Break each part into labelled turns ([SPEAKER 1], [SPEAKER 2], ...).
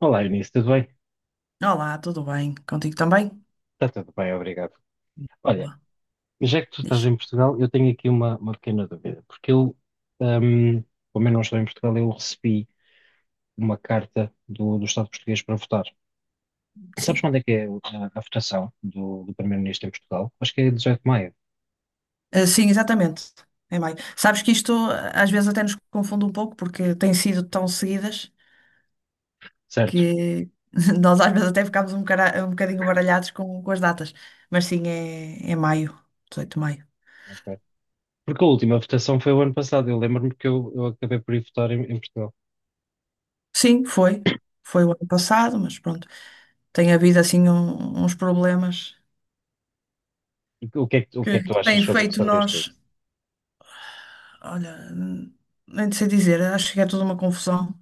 [SPEAKER 1] Olá, Eunice, tudo bem?
[SPEAKER 2] Olá, tudo bem? Contigo também?
[SPEAKER 1] Está tudo bem, obrigado. Olha,
[SPEAKER 2] Boa.
[SPEAKER 1] já que tu estás
[SPEAKER 2] Diz.
[SPEAKER 1] em Portugal, eu tenho aqui uma pequena dúvida, porque eu, hum, como eu não estou em Portugal, eu recebi uma carta do Estado português para votar. Sabes
[SPEAKER 2] Sim.
[SPEAKER 1] quando é que é a votação do Primeiro-Ministro em Portugal? Acho que é 18 de maio,
[SPEAKER 2] Ah, sim, exatamente. Em maio. Sabes que isto às vezes até nos confunde um pouco porque têm sido tão seguidas
[SPEAKER 1] certo?
[SPEAKER 2] que nós às vezes até ficamos um bocadinho baralhados com as datas. Mas sim, é maio, 18 de maio.
[SPEAKER 1] Ok. Porque a última votação foi o ano passado, eu lembro-me que eu acabei por ir votar em Portugal.
[SPEAKER 2] Sim, foi. Foi o ano passado, mas pronto. Tem havido assim uns problemas
[SPEAKER 1] O que é que, o
[SPEAKER 2] que
[SPEAKER 1] que é que tu achas
[SPEAKER 2] têm
[SPEAKER 1] sobre,
[SPEAKER 2] feito
[SPEAKER 1] sobre isto tudo?
[SPEAKER 2] nós. Olha, nem sei dizer, acho que é toda uma confusão.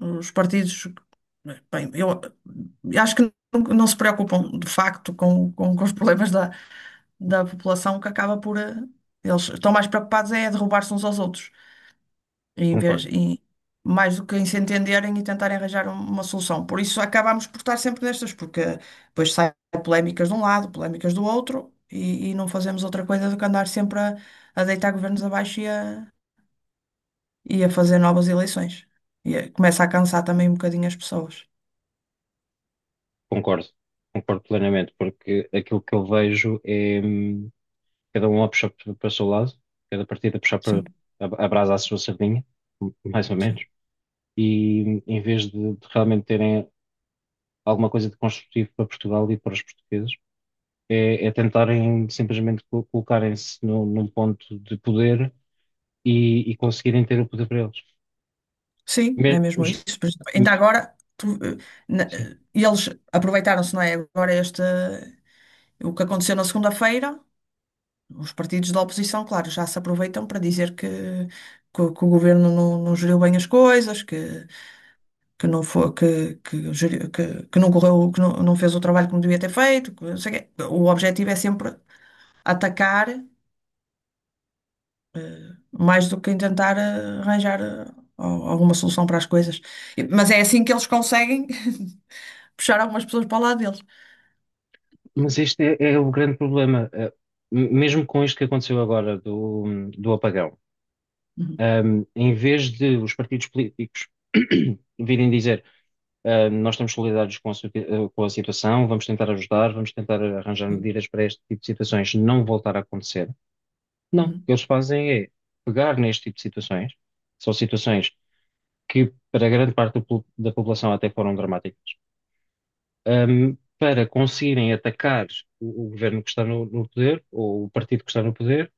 [SPEAKER 2] Os partidos, bem, eu acho que não se preocupam de facto com os problemas da população, que acaba por. Eles estão mais preocupados é derrubar-se uns aos outros, em vez,
[SPEAKER 1] Concordo,
[SPEAKER 2] em- mais do que em se entenderem e tentarem arranjar uma solução. Por isso acabamos por estar sempre nestas, porque depois saem polémicas de um lado, polémicas do outro, e não fazemos outra coisa do que andar sempre a deitar governos abaixo e a fazer novas eleições. E começa a cansar também um bocadinho as pessoas.
[SPEAKER 1] concordo, concordo plenamente, porque aquilo que eu vejo é, cada um a puxar para o seu lado, cada partido a puxar para
[SPEAKER 2] Sim,
[SPEAKER 1] a brasa à sua sardinha, mais ou menos,
[SPEAKER 2] sim.
[SPEAKER 1] e em vez de realmente terem alguma coisa de construtivo para Portugal e para os portugueses, é tentarem simplesmente colocarem-se num ponto de poder e conseguirem ter o poder para eles.
[SPEAKER 2] Sim, é
[SPEAKER 1] Me-
[SPEAKER 2] mesmo
[SPEAKER 1] os-
[SPEAKER 2] isso. Por isso,
[SPEAKER 1] m-
[SPEAKER 2] ainda agora, tu,
[SPEAKER 1] sim.
[SPEAKER 2] eles aproveitaram-se, não é? Agora este, o que aconteceu na segunda-feira, os partidos da oposição, claro, já se aproveitam para dizer que, o que o governo não geriu bem as coisas, que, não foi, que não correu, que não fez o trabalho como devia ter feito, que não sei o quê. O objetivo é sempre atacar, mais do que em tentar arranjar alguma solução para as coisas. Mas é assim que eles conseguem puxar algumas pessoas para o lado deles.
[SPEAKER 1] Mas este é o grande problema. Mesmo com isto que aconteceu agora do apagão,
[SPEAKER 2] Uhum.
[SPEAKER 1] Em vez de os partidos políticos virem dizer: nós estamos solidários com a situação, vamos tentar ajudar, vamos tentar arranjar
[SPEAKER 2] Sim.
[SPEAKER 1] medidas para este tipo de situações não voltar a acontecer. Não, o
[SPEAKER 2] Uhum.
[SPEAKER 1] que eles fazem é pegar neste tipo de situações, são situações que para grande parte da população até foram dramáticas, para conseguirem atacar o governo que está no poder, ou o partido que está no poder,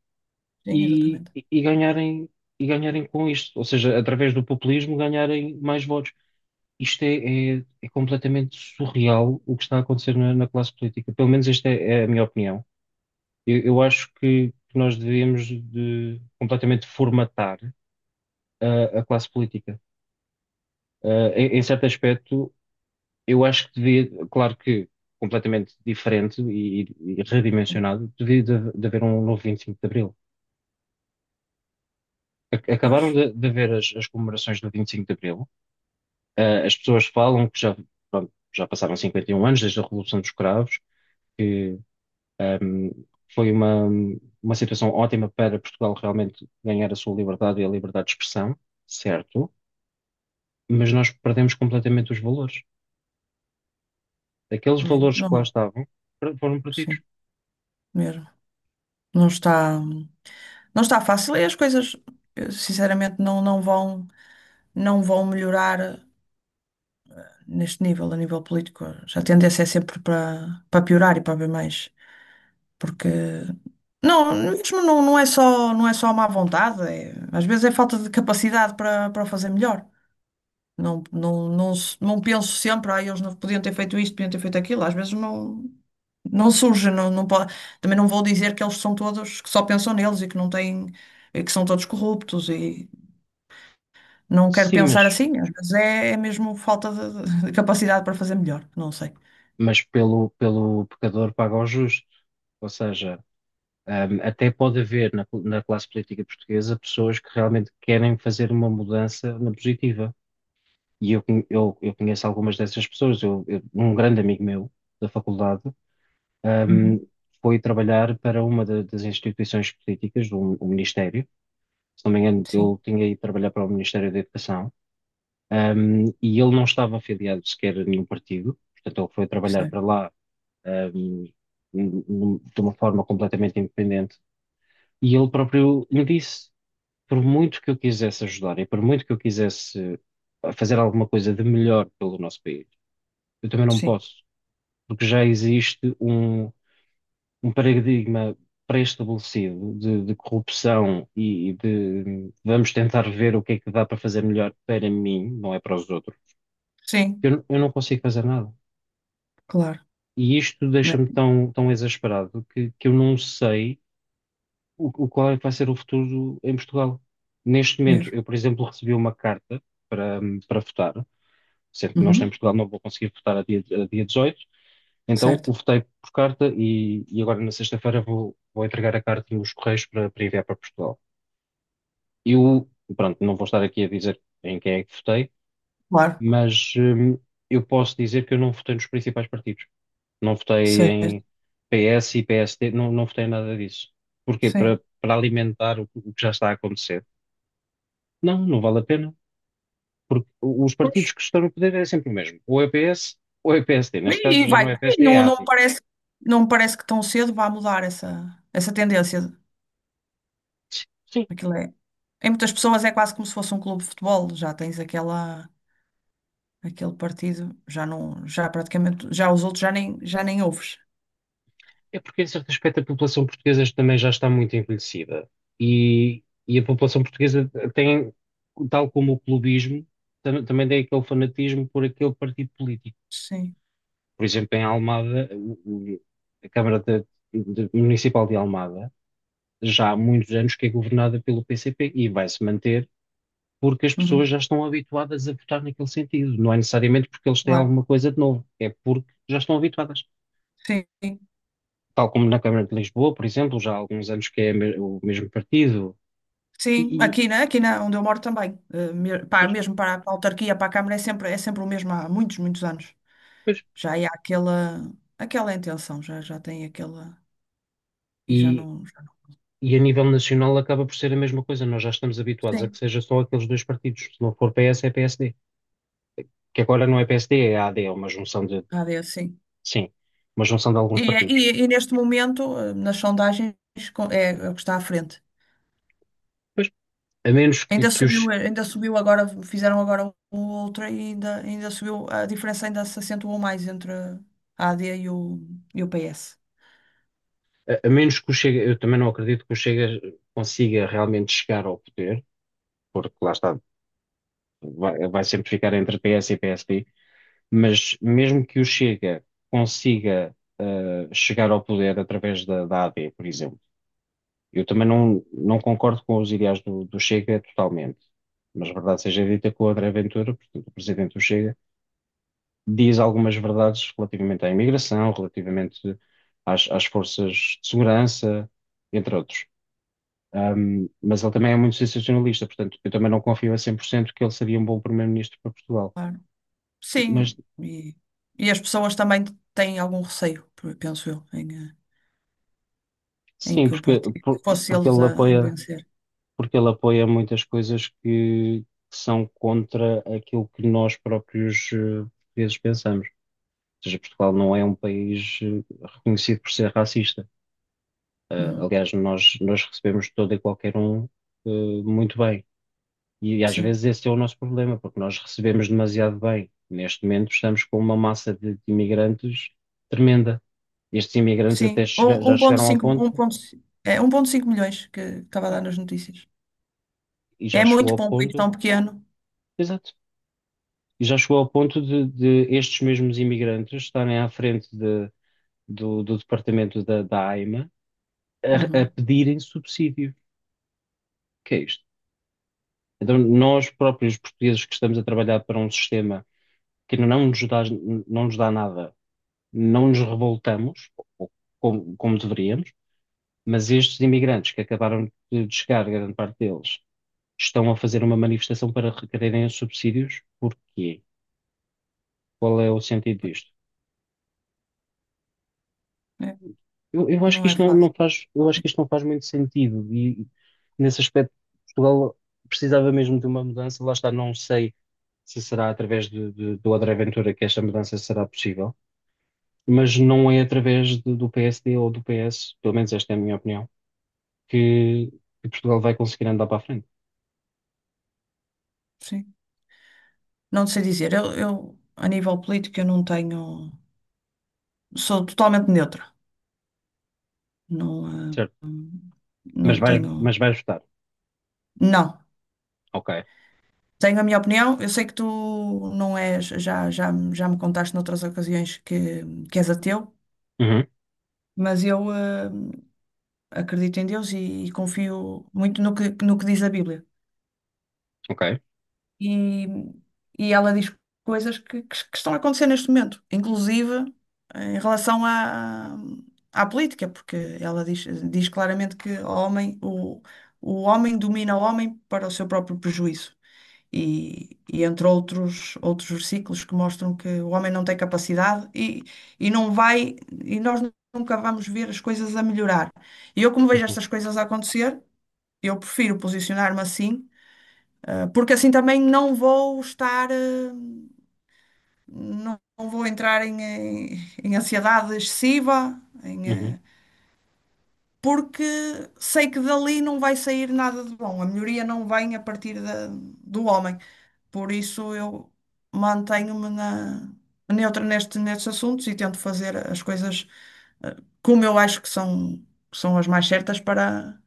[SPEAKER 2] Sim,
[SPEAKER 1] e,
[SPEAKER 2] exatamente.
[SPEAKER 1] e- e ganharem, e ganharem com isto, ou seja, através do populismo ganharem mais votos. Isto é completamente surreal o que está a acontecer na classe política. Pelo menos esta é a minha opinião. Eu acho que nós devíamos de completamente formatar a classe política. Em certo aspecto, eu acho que devia, claro que completamente diferente e
[SPEAKER 2] Sim.
[SPEAKER 1] redimensionado, devia de haver um novo 25 de Abril.
[SPEAKER 2] Pois.
[SPEAKER 1] Acabaram de haver as comemorações do 25 de Abril. As pessoas falam que já, pronto, já passaram 51 anos desde a Revolução dos Cravos. Um, Foi uma situação ótima para Portugal realmente ganhar a sua liberdade e a liberdade de expressão, certo? Mas nós perdemos completamente os valores. Aqueles
[SPEAKER 2] É.
[SPEAKER 1] valores que lá
[SPEAKER 2] Não,
[SPEAKER 1] estavam foram perdidos.
[SPEAKER 2] sim, mesmo. Não está fácil e as coisas, sinceramente, não vão melhorar neste nível, a nível político. Já a tendência é sempre para, para piorar e para haver mais. Porque não, mesmo não, não é só má vontade, às vezes é falta de capacidade para o fazer melhor. Não, não, não, não penso sempre, ah, eles não podiam ter feito isto, podiam ter feito aquilo. Às vezes não surge, não pode, também não vou dizer que eles são todos, que só pensam neles e que não têm, e que são todos corruptos e não quero
[SPEAKER 1] Sim, mas,
[SPEAKER 2] pensar assim. Às vezes é mesmo falta de capacidade para fazer melhor, não sei.
[SPEAKER 1] mas pelo pecador paga o justo. Ou seja, até pode haver na classe política portuguesa pessoas que realmente querem fazer uma mudança na positiva. E eu conheço algumas dessas pessoas. Um grande amigo meu da faculdade ahm,
[SPEAKER 2] Uhum.
[SPEAKER 1] foi trabalhar para uma das instituições políticas, um ministério. Se não me engano, ele
[SPEAKER 2] Sim,
[SPEAKER 1] tinha ido trabalhar para o Ministério da Educação, e ele não estava afiliado sequer a nenhum partido, portanto, ele foi trabalhar para
[SPEAKER 2] sim,
[SPEAKER 1] lá, ahm, de uma forma completamente independente. E ele próprio me disse: por muito que eu quisesse ajudar e por muito que eu quisesse fazer alguma coisa de melhor pelo nosso país, eu também não
[SPEAKER 2] sim,
[SPEAKER 1] posso, porque já existe um paradigma pré-estabelecido de corrupção e de vamos tentar ver o que é que dá para fazer melhor para mim, não é para os outros,
[SPEAKER 2] sim,
[SPEAKER 1] eu não consigo fazer nada.
[SPEAKER 2] claro,
[SPEAKER 1] E isto deixa-me
[SPEAKER 2] é
[SPEAKER 1] tão, tão exasperado que eu não sei o qual é que vai ser o futuro em Portugal. Neste momento, eu,
[SPEAKER 2] mesmo.
[SPEAKER 1] por exemplo, recebi uma carta para, para, votar, sendo que nós em
[SPEAKER 2] Uhum.
[SPEAKER 1] Portugal não vou conseguir votar a dia 18, então
[SPEAKER 2] Certo,
[SPEAKER 1] eu votei por carta e agora na sexta-feira vou entregar a carta nos Correios para enviar para Portugal. Eu, pronto, não vou estar aqui a dizer em quem é que votei,
[SPEAKER 2] claro,
[SPEAKER 1] mas eu posso dizer que eu não votei nos principais partidos. Não votei
[SPEAKER 2] certo,
[SPEAKER 1] em PS e PSD, não votei em nada disso. Porquê?
[SPEAKER 2] sim.
[SPEAKER 1] para alimentar o que já está a acontecer. Não vale a pena, porque os partidos
[SPEAKER 2] Pois.
[SPEAKER 1] que estão no poder é sempre o mesmo. Ou é PS ou é PSD. Neste caso
[SPEAKER 2] E
[SPEAKER 1] já
[SPEAKER 2] vai,
[SPEAKER 1] não é
[SPEAKER 2] e
[SPEAKER 1] PSD, é
[SPEAKER 2] não me
[SPEAKER 1] AD.
[SPEAKER 2] parece, não me parece que tão cedo vá mudar essa tendência.
[SPEAKER 1] Sim,
[SPEAKER 2] Aquilo é, em muitas pessoas é quase como se fosse um clube de futebol, já tens aquela, aquele partido, já não, já praticamente, já os outros já nem ouves.
[SPEAKER 1] é porque, em certo aspecto, a população portuguesa também já está muito envelhecida. E a população portuguesa tem, tal como o clubismo, também tem aquele fanatismo por aquele partido político.
[SPEAKER 2] Sim,
[SPEAKER 1] Por exemplo, em Almada, o- a Câmara Municipal de Almada já há muitos anos que é governada pelo PCP e vai se manter porque as pessoas
[SPEAKER 2] uhum,
[SPEAKER 1] já estão habituadas a votar naquele sentido. Não é necessariamente porque eles têm
[SPEAKER 2] claro,
[SPEAKER 1] alguma coisa de novo, é porque já estão habituadas.
[SPEAKER 2] sim,
[SPEAKER 1] Tal como na Câmara de Lisboa, por exemplo, já há alguns anos que é o mesmo partido,
[SPEAKER 2] sim,
[SPEAKER 1] e, e-
[SPEAKER 2] aqui, né? Aqui na, onde eu moro também. Pá,
[SPEAKER 1] pois,
[SPEAKER 2] mesmo para a autarquia, para a Câmara, é sempre o mesmo há muitos, muitos anos.
[SPEAKER 1] pois.
[SPEAKER 2] Já há aquela intenção, já tem aquela. E já
[SPEAKER 1] E-
[SPEAKER 2] não. Já não.
[SPEAKER 1] e a nível nacional acaba por ser a mesma coisa. Nós já estamos habituados a que
[SPEAKER 2] Sim,
[SPEAKER 1] seja só aqueles dois partidos. Se não for PS, é PSD. Que agora não é PSD, é AD, é uma junção de,
[SPEAKER 2] AD, sim.
[SPEAKER 1] sim, uma junção de alguns
[SPEAKER 2] E, é- e,
[SPEAKER 1] partidos.
[SPEAKER 2] e neste momento, nas sondagens, é o que está à frente.
[SPEAKER 1] Pois, a menos que,
[SPEAKER 2] Ainda
[SPEAKER 1] que os,
[SPEAKER 2] subiu, eh, ainda subiu agora, fizeram agora outra e ainda subiu, a diferença ainda se acentuou mais entre a AD e o PS.
[SPEAKER 1] a menos que o Chega, eu também não acredito que o Chega consiga realmente chegar ao poder, porque lá está, vai sempre ficar entre PS e PSD. Mas mesmo que o Chega consiga chegar ao poder através da AD, por exemplo, eu também não concordo com os ideais do Chega totalmente. Mas verdade seja dita que o André Ventura, portanto, o presidente do Chega, diz algumas verdades relativamente à imigração, relativamente às forças de segurança, entre outros. Mas ele também é muito sensacionalista, portanto, eu também não confio a 100% que ele seria um bom primeiro-ministro para Portugal.
[SPEAKER 2] Claro. Sim,
[SPEAKER 1] Mas
[SPEAKER 2] e as pessoas também têm algum receio, penso eu, em
[SPEAKER 1] sim,
[SPEAKER 2] que o partido, que fosse
[SPEAKER 1] porque
[SPEAKER 2] eles
[SPEAKER 1] ele
[SPEAKER 2] a
[SPEAKER 1] apoia
[SPEAKER 2] vencer.
[SPEAKER 1] muitas coisas que são contra aquilo que nós próprios portugueses pensamos. Ou seja, Portugal não é um país reconhecido por ser racista.
[SPEAKER 2] Uhum.
[SPEAKER 1] Aliás, nós recebemos todo e qualquer um, muito bem. E às
[SPEAKER 2] Sim.
[SPEAKER 1] vezes esse é o nosso problema, porque nós recebemos demasiado bem. Neste momento estamos com uma massa de imigrantes tremenda. Estes imigrantes até
[SPEAKER 2] Sim,
[SPEAKER 1] já chegaram ao
[SPEAKER 2] 1,5,
[SPEAKER 1] ponto,
[SPEAKER 2] 1,5, é 1,5 milhões que estava a dar nas notícias.
[SPEAKER 1] e já
[SPEAKER 2] É
[SPEAKER 1] chegou
[SPEAKER 2] muito
[SPEAKER 1] ao
[SPEAKER 2] para um país
[SPEAKER 1] ponto,
[SPEAKER 2] tão pequeno.
[SPEAKER 1] exato, e já chegou ao ponto de estes mesmos imigrantes estarem à frente do departamento da AIMA a
[SPEAKER 2] Uhum.
[SPEAKER 1] pedirem subsídio. O que é isto? Então, nós próprios portugueses que estamos a trabalhar para um sistema que não nos dá, não nos dá nada, não nos revoltamos, ou- como deveríamos, mas estes imigrantes que acabaram de chegar, grande parte deles, estão a fazer uma manifestação para requererem os subsídios. Porquê? Qual é o sentido disto?
[SPEAKER 2] É, não é fácil.
[SPEAKER 1] Eu acho
[SPEAKER 2] Sim,
[SPEAKER 1] que isto não faz muito sentido e nesse aspecto Portugal precisava mesmo de uma mudança. Lá está, não sei se será através do André Ventura que esta mudança será possível, mas não é através do PSD ou do PS, pelo menos esta é a minha opinião, que Portugal vai conseguir andar para a frente,
[SPEAKER 2] sim. Não sei dizer. Eu, a nível político, eu não tenho. Sou totalmente neutra. Não, eh,
[SPEAKER 1] certo? Mas
[SPEAKER 2] não
[SPEAKER 1] vais,
[SPEAKER 2] tenho.
[SPEAKER 1] mas vais votar,
[SPEAKER 2] Não.
[SPEAKER 1] ok?
[SPEAKER 2] Tenho a minha opinião. Eu sei que tu não és. Já me contaste noutras ocasiões que és ateu,
[SPEAKER 1] Uhum,
[SPEAKER 2] mas eu acredito em Deus e confio muito no que diz a Bíblia.
[SPEAKER 1] ok.
[SPEAKER 2] E, e ela diz coisas que estão a acontecer neste momento, inclusive em relação à política, porque ela diz claramente que o homem, o homem domina o homem para o seu próprio prejuízo. E entre outros versículos que mostram que o homem não tem capacidade e não vai, e nós nunca vamos ver as coisas a melhorar. E eu, como vejo
[SPEAKER 1] Uhum,
[SPEAKER 2] estas coisas a acontecer, eu prefiro posicionar-me assim porque assim também não vou estar, não vou entrar em, em ansiedade excessiva,
[SPEAKER 1] uhum,
[SPEAKER 2] porque sei que dali não vai sair nada de bom. A melhoria não vem a partir do homem. Por isso eu mantenho-me na, neutra nestes assuntos e tento fazer as coisas eh, como eu acho que são as mais certas para,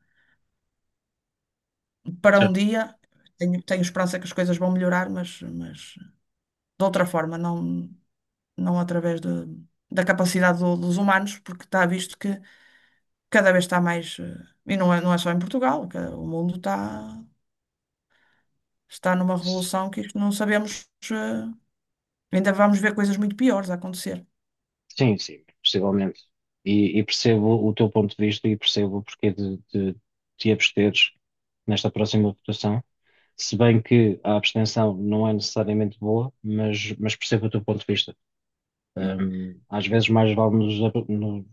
[SPEAKER 2] para um
[SPEAKER 1] certo.
[SPEAKER 2] dia. Tenho esperança que as coisas vão melhorar, mas de outra forma, não. Não através da capacidade dos humanos, porque está visto que cada vez está mais, e não é só em Portugal, que o mundo está numa revolução que isto não sabemos, ainda vamos ver coisas muito piores a acontecer.
[SPEAKER 1] Sim, sim, possivelmente. E percebo o teu ponto de vista e percebo o porquê de te absteres nesta próxima votação. Se bem que a abstenção não é necessariamente boa, mas, percebo o teu ponto de vista.
[SPEAKER 2] Sim.
[SPEAKER 1] Às vezes mais vale nos, ab- no-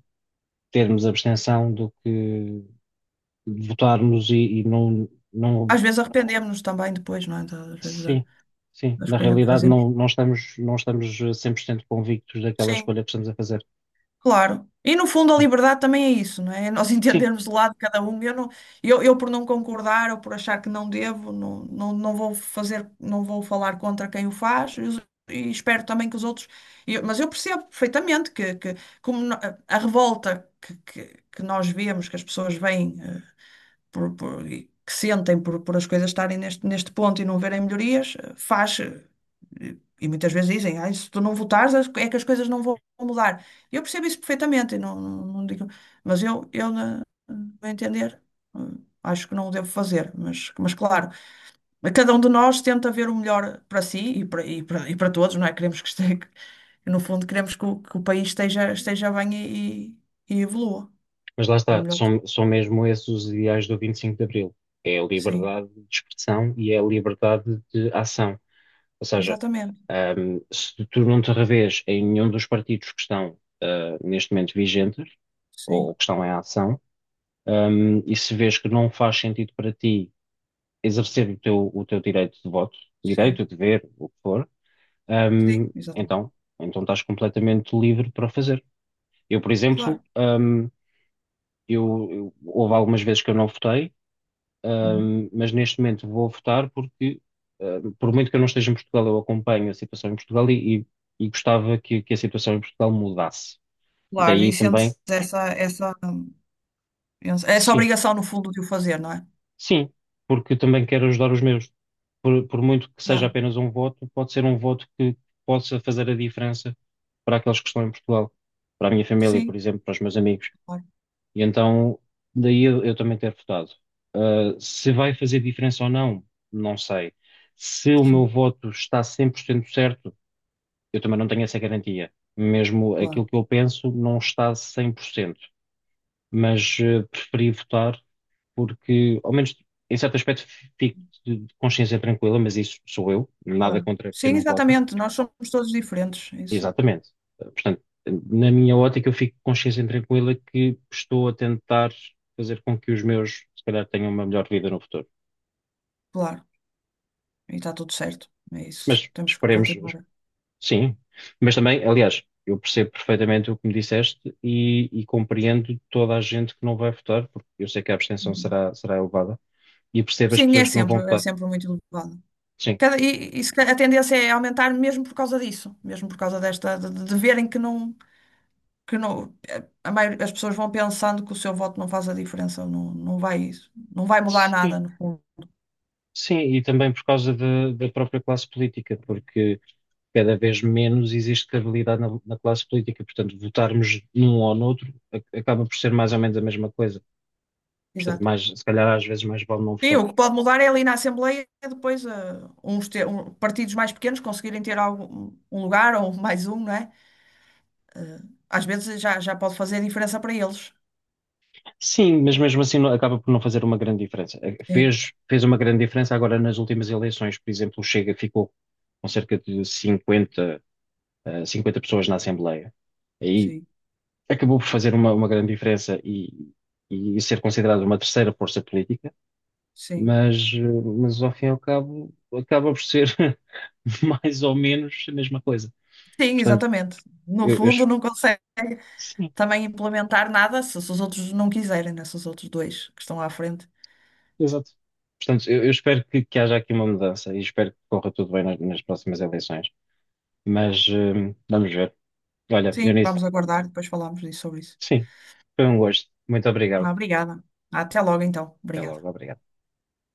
[SPEAKER 1] termos abstenção do que votarmos e não.
[SPEAKER 2] Às vezes arrependemos-nos também depois, não é? Às vezes da,
[SPEAKER 1] Sim, sim.
[SPEAKER 2] da
[SPEAKER 1] Na
[SPEAKER 2] escolha que
[SPEAKER 1] realidade,
[SPEAKER 2] fazemos.
[SPEAKER 1] não estamos 100% convictos daquela
[SPEAKER 2] Sim.
[SPEAKER 1] escolha que estamos a fazer.
[SPEAKER 2] Claro. E no fundo a
[SPEAKER 1] Sim.
[SPEAKER 2] liberdade também é isso, não é? É nós
[SPEAKER 1] Sim,
[SPEAKER 2] entendermos do lado de cada um. Eu, não, eu por não concordar ou por achar que não devo, não vou fazer, não vou falar contra quem o faz e espero também que os outros. Mas eu percebo perfeitamente que como a revolta que nós vemos, que as pessoas veem, e que sentem por as coisas estarem neste ponto e não verem melhorias, faz. E muitas vezes dizem: "Ai, se tu não votares, é que as coisas não vão mudar." Eu percebo isso perfeitamente, e não digo, mas eu na, a entender, acho que não o devo fazer, mas claro, cada um de nós tenta ver o melhor para si e para, e para todos, não é? Queremos que esteja, no fundo, queremos que o país esteja bem e evolua.
[SPEAKER 1] mas lá
[SPEAKER 2] O
[SPEAKER 1] está,
[SPEAKER 2] melhor,
[SPEAKER 1] são mesmo esses os ideais do 25 de Abril. É a
[SPEAKER 2] sim,
[SPEAKER 1] liberdade de expressão e é a liberdade de ação. Ou seja,
[SPEAKER 2] exatamente,
[SPEAKER 1] se tu não te revês em nenhum dos partidos que estão, neste momento vigentes, ou,
[SPEAKER 2] sim.
[SPEAKER 1] ou que estão em ação, e se vês que não faz sentido para ti exercer o teu direito de voto,
[SPEAKER 2] Sim,
[SPEAKER 1] direito, dever, o que for,
[SPEAKER 2] sim,
[SPEAKER 1] ahm,
[SPEAKER 2] exatamente.
[SPEAKER 1] então, então estás completamente livre para o fazer. Eu, por exemplo,
[SPEAKER 2] Claro.
[SPEAKER 1] houve algumas vezes que eu não votei.
[SPEAKER 2] Uhum.
[SPEAKER 1] Mas neste momento vou votar porque, por muito que eu não esteja em Portugal, eu acompanho a situação em Portugal e gostava que a situação em Portugal mudasse.
[SPEAKER 2] Claro, e
[SPEAKER 1] Daí
[SPEAKER 2] sentes
[SPEAKER 1] também,
[SPEAKER 2] essa, essa
[SPEAKER 1] sim,
[SPEAKER 2] obrigação, no fundo, de o fazer, não é?
[SPEAKER 1] sim, porque também quero ajudar os meus. Por muito que seja
[SPEAKER 2] Claro,
[SPEAKER 1] apenas um voto, pode ser um voto que possa fazer a diferença para aqueles que estão em Portugal, para a minha família, por
[SPEAKER 2] sim,
[SPEAKER 1] exemplo, para os meus amigos.
[SPEAKER 2] claro,
[SPEAKER 1] E então, daí eu também ter votado. Se vai fazer diferença ou não, não sei. Se o meu
[SPEAKER 2] sim,
[SPEAKER 1] voto está 100% certo, eu também não tenho essa garantia. Mesmo aquilo
[SPEAKER 2] claro,
[SPEAKER 1] que eu penso não está 100%. Mas preferi votar porque, ao menos em certo aspecto, fico de consciência tranquila, mas isso sou eu, nada
[SPEAKER 2] claro.
[SPEAKER 1] contra quem
[SPEAKER 2] Sim,
[SPEAKER 1] não vota.
[SPEAKER 2] exatamente, nós somos todos diferentes, é isso,
[SPEAKER 1] Exatamente. Portanto, na minha ótica, eu fico com consciência tranquila que estou a tentar fazer com que os meus, se calhar, tenham uma melhor vida no futuro.
[SPEAKER 2] claro, e está tudo certo, é isso,
[SPEAKER 1] Mas
[SPEAKER 2] temos que
[SPEAKER 1] esperemos,
[SPEAKER 2] continuar.
[SPEAKER 1] sim. Mas também, aliás, eu percebo perfeitamente o que me disseste e compreendo toda a gente que não vai votar, porque eu sei que a abstenção
[SPEAKER 2] Uhum.
[SPEAKER 1] será elevada, e percebo as
[SPEAKER 2] Sim, é
[SPEAKER 1] pessoas que não
[SPEAKER 2] sempre,
[SPEAKER 1] vão
[SPEAKER 2] é
[SPEAKER 1] votar.
[SPEAKER 2] sempre muito elevado.
[SPEAKER 1] Sim.
[SPEAKER 2] Cada, e se ca- a tendência é aumentar mesmo por causa disso, mesmo por causa desta, de verem que não. Que não, as pessoas vão pensando que o seu voto não faz a diferença, não vai mudar
[SPEAKER 1] Sim,
[SPEAKER 2] nada, no fundo.
[SPEAKER 1] sim, e também por causa da própria classe política, porque cada vez menos existe credibilidade na classe política. Portanto, votarmos num ou noutro acaba por ser mais ou menos a mesma coisa. Portanto,
[SPEAKER 2] Exato.
[SPEAKER 1] mais, se calhar às vezes mais vale não
[SPEAKER 2] Sim,
[SPEAKER 1] votar.
[SPEAKER 2] o que pode mudar é ali na Assembleia depois partidos mais pequenos conseguirem ter algum, um lugar ou mais um, não é? Eh, Às vezes já pode fazer diferença para eles.
[SPEAKER 1] Sim, mas mesmo assim acaba por não fazer uma grande diferença. Eh,
[SPEAKER 2] Sim,
[SPEAKER 1] Fez, fez uma grande diferença agora nas últimas eleições. Por exemplo, o Chega ficou com cerca de 50, 50 pessoas na Assembleia. Aí
[SPEAKER 2] sim,
[SPEAKER 1] acabou por fazer uma grande diferença e ser considerado uma terceira força política,
[SPEAKER 2] sim.
[SPEAKER 1] mas, eh, mas ao fim e ao cabo acaba por ser mais ou menos a mesma coisa.
[SPEAKER 2] Sim,
[SPEAKER 1] Portanto,
[SPEAKER 2] exatamente. No
[SPEAKER 1] eu, eu es-
[SPEAKER 2] fundo, não consegue
[SPEAKER 1] sim,
[SPEAKER 2] também implementar nada se os outros não quiserem, né? Se os outros dois que estão à frente.
[SPEAKER 1] exato. Portanto, eu espero que haja aqui uma mudança e espero que corra tudo bem nas próximas eleições. Mas vamos ver. Olha,
[SPEAKER 2] Sim,
[SPEAKER 1] Dionísio,
[SPEAKER 2] vamos aguardar, depois falamos disso sobre isso.
[SPEAKER 1] sim, foi um gosto. Muito obrigado.
[SPEAKER 2] Ah, obrigada. Até logo, então.
[SPEAKER 1] Até logo,
[SPEAKER 2] Obrigada.
[SPEAKER 1] obrigado.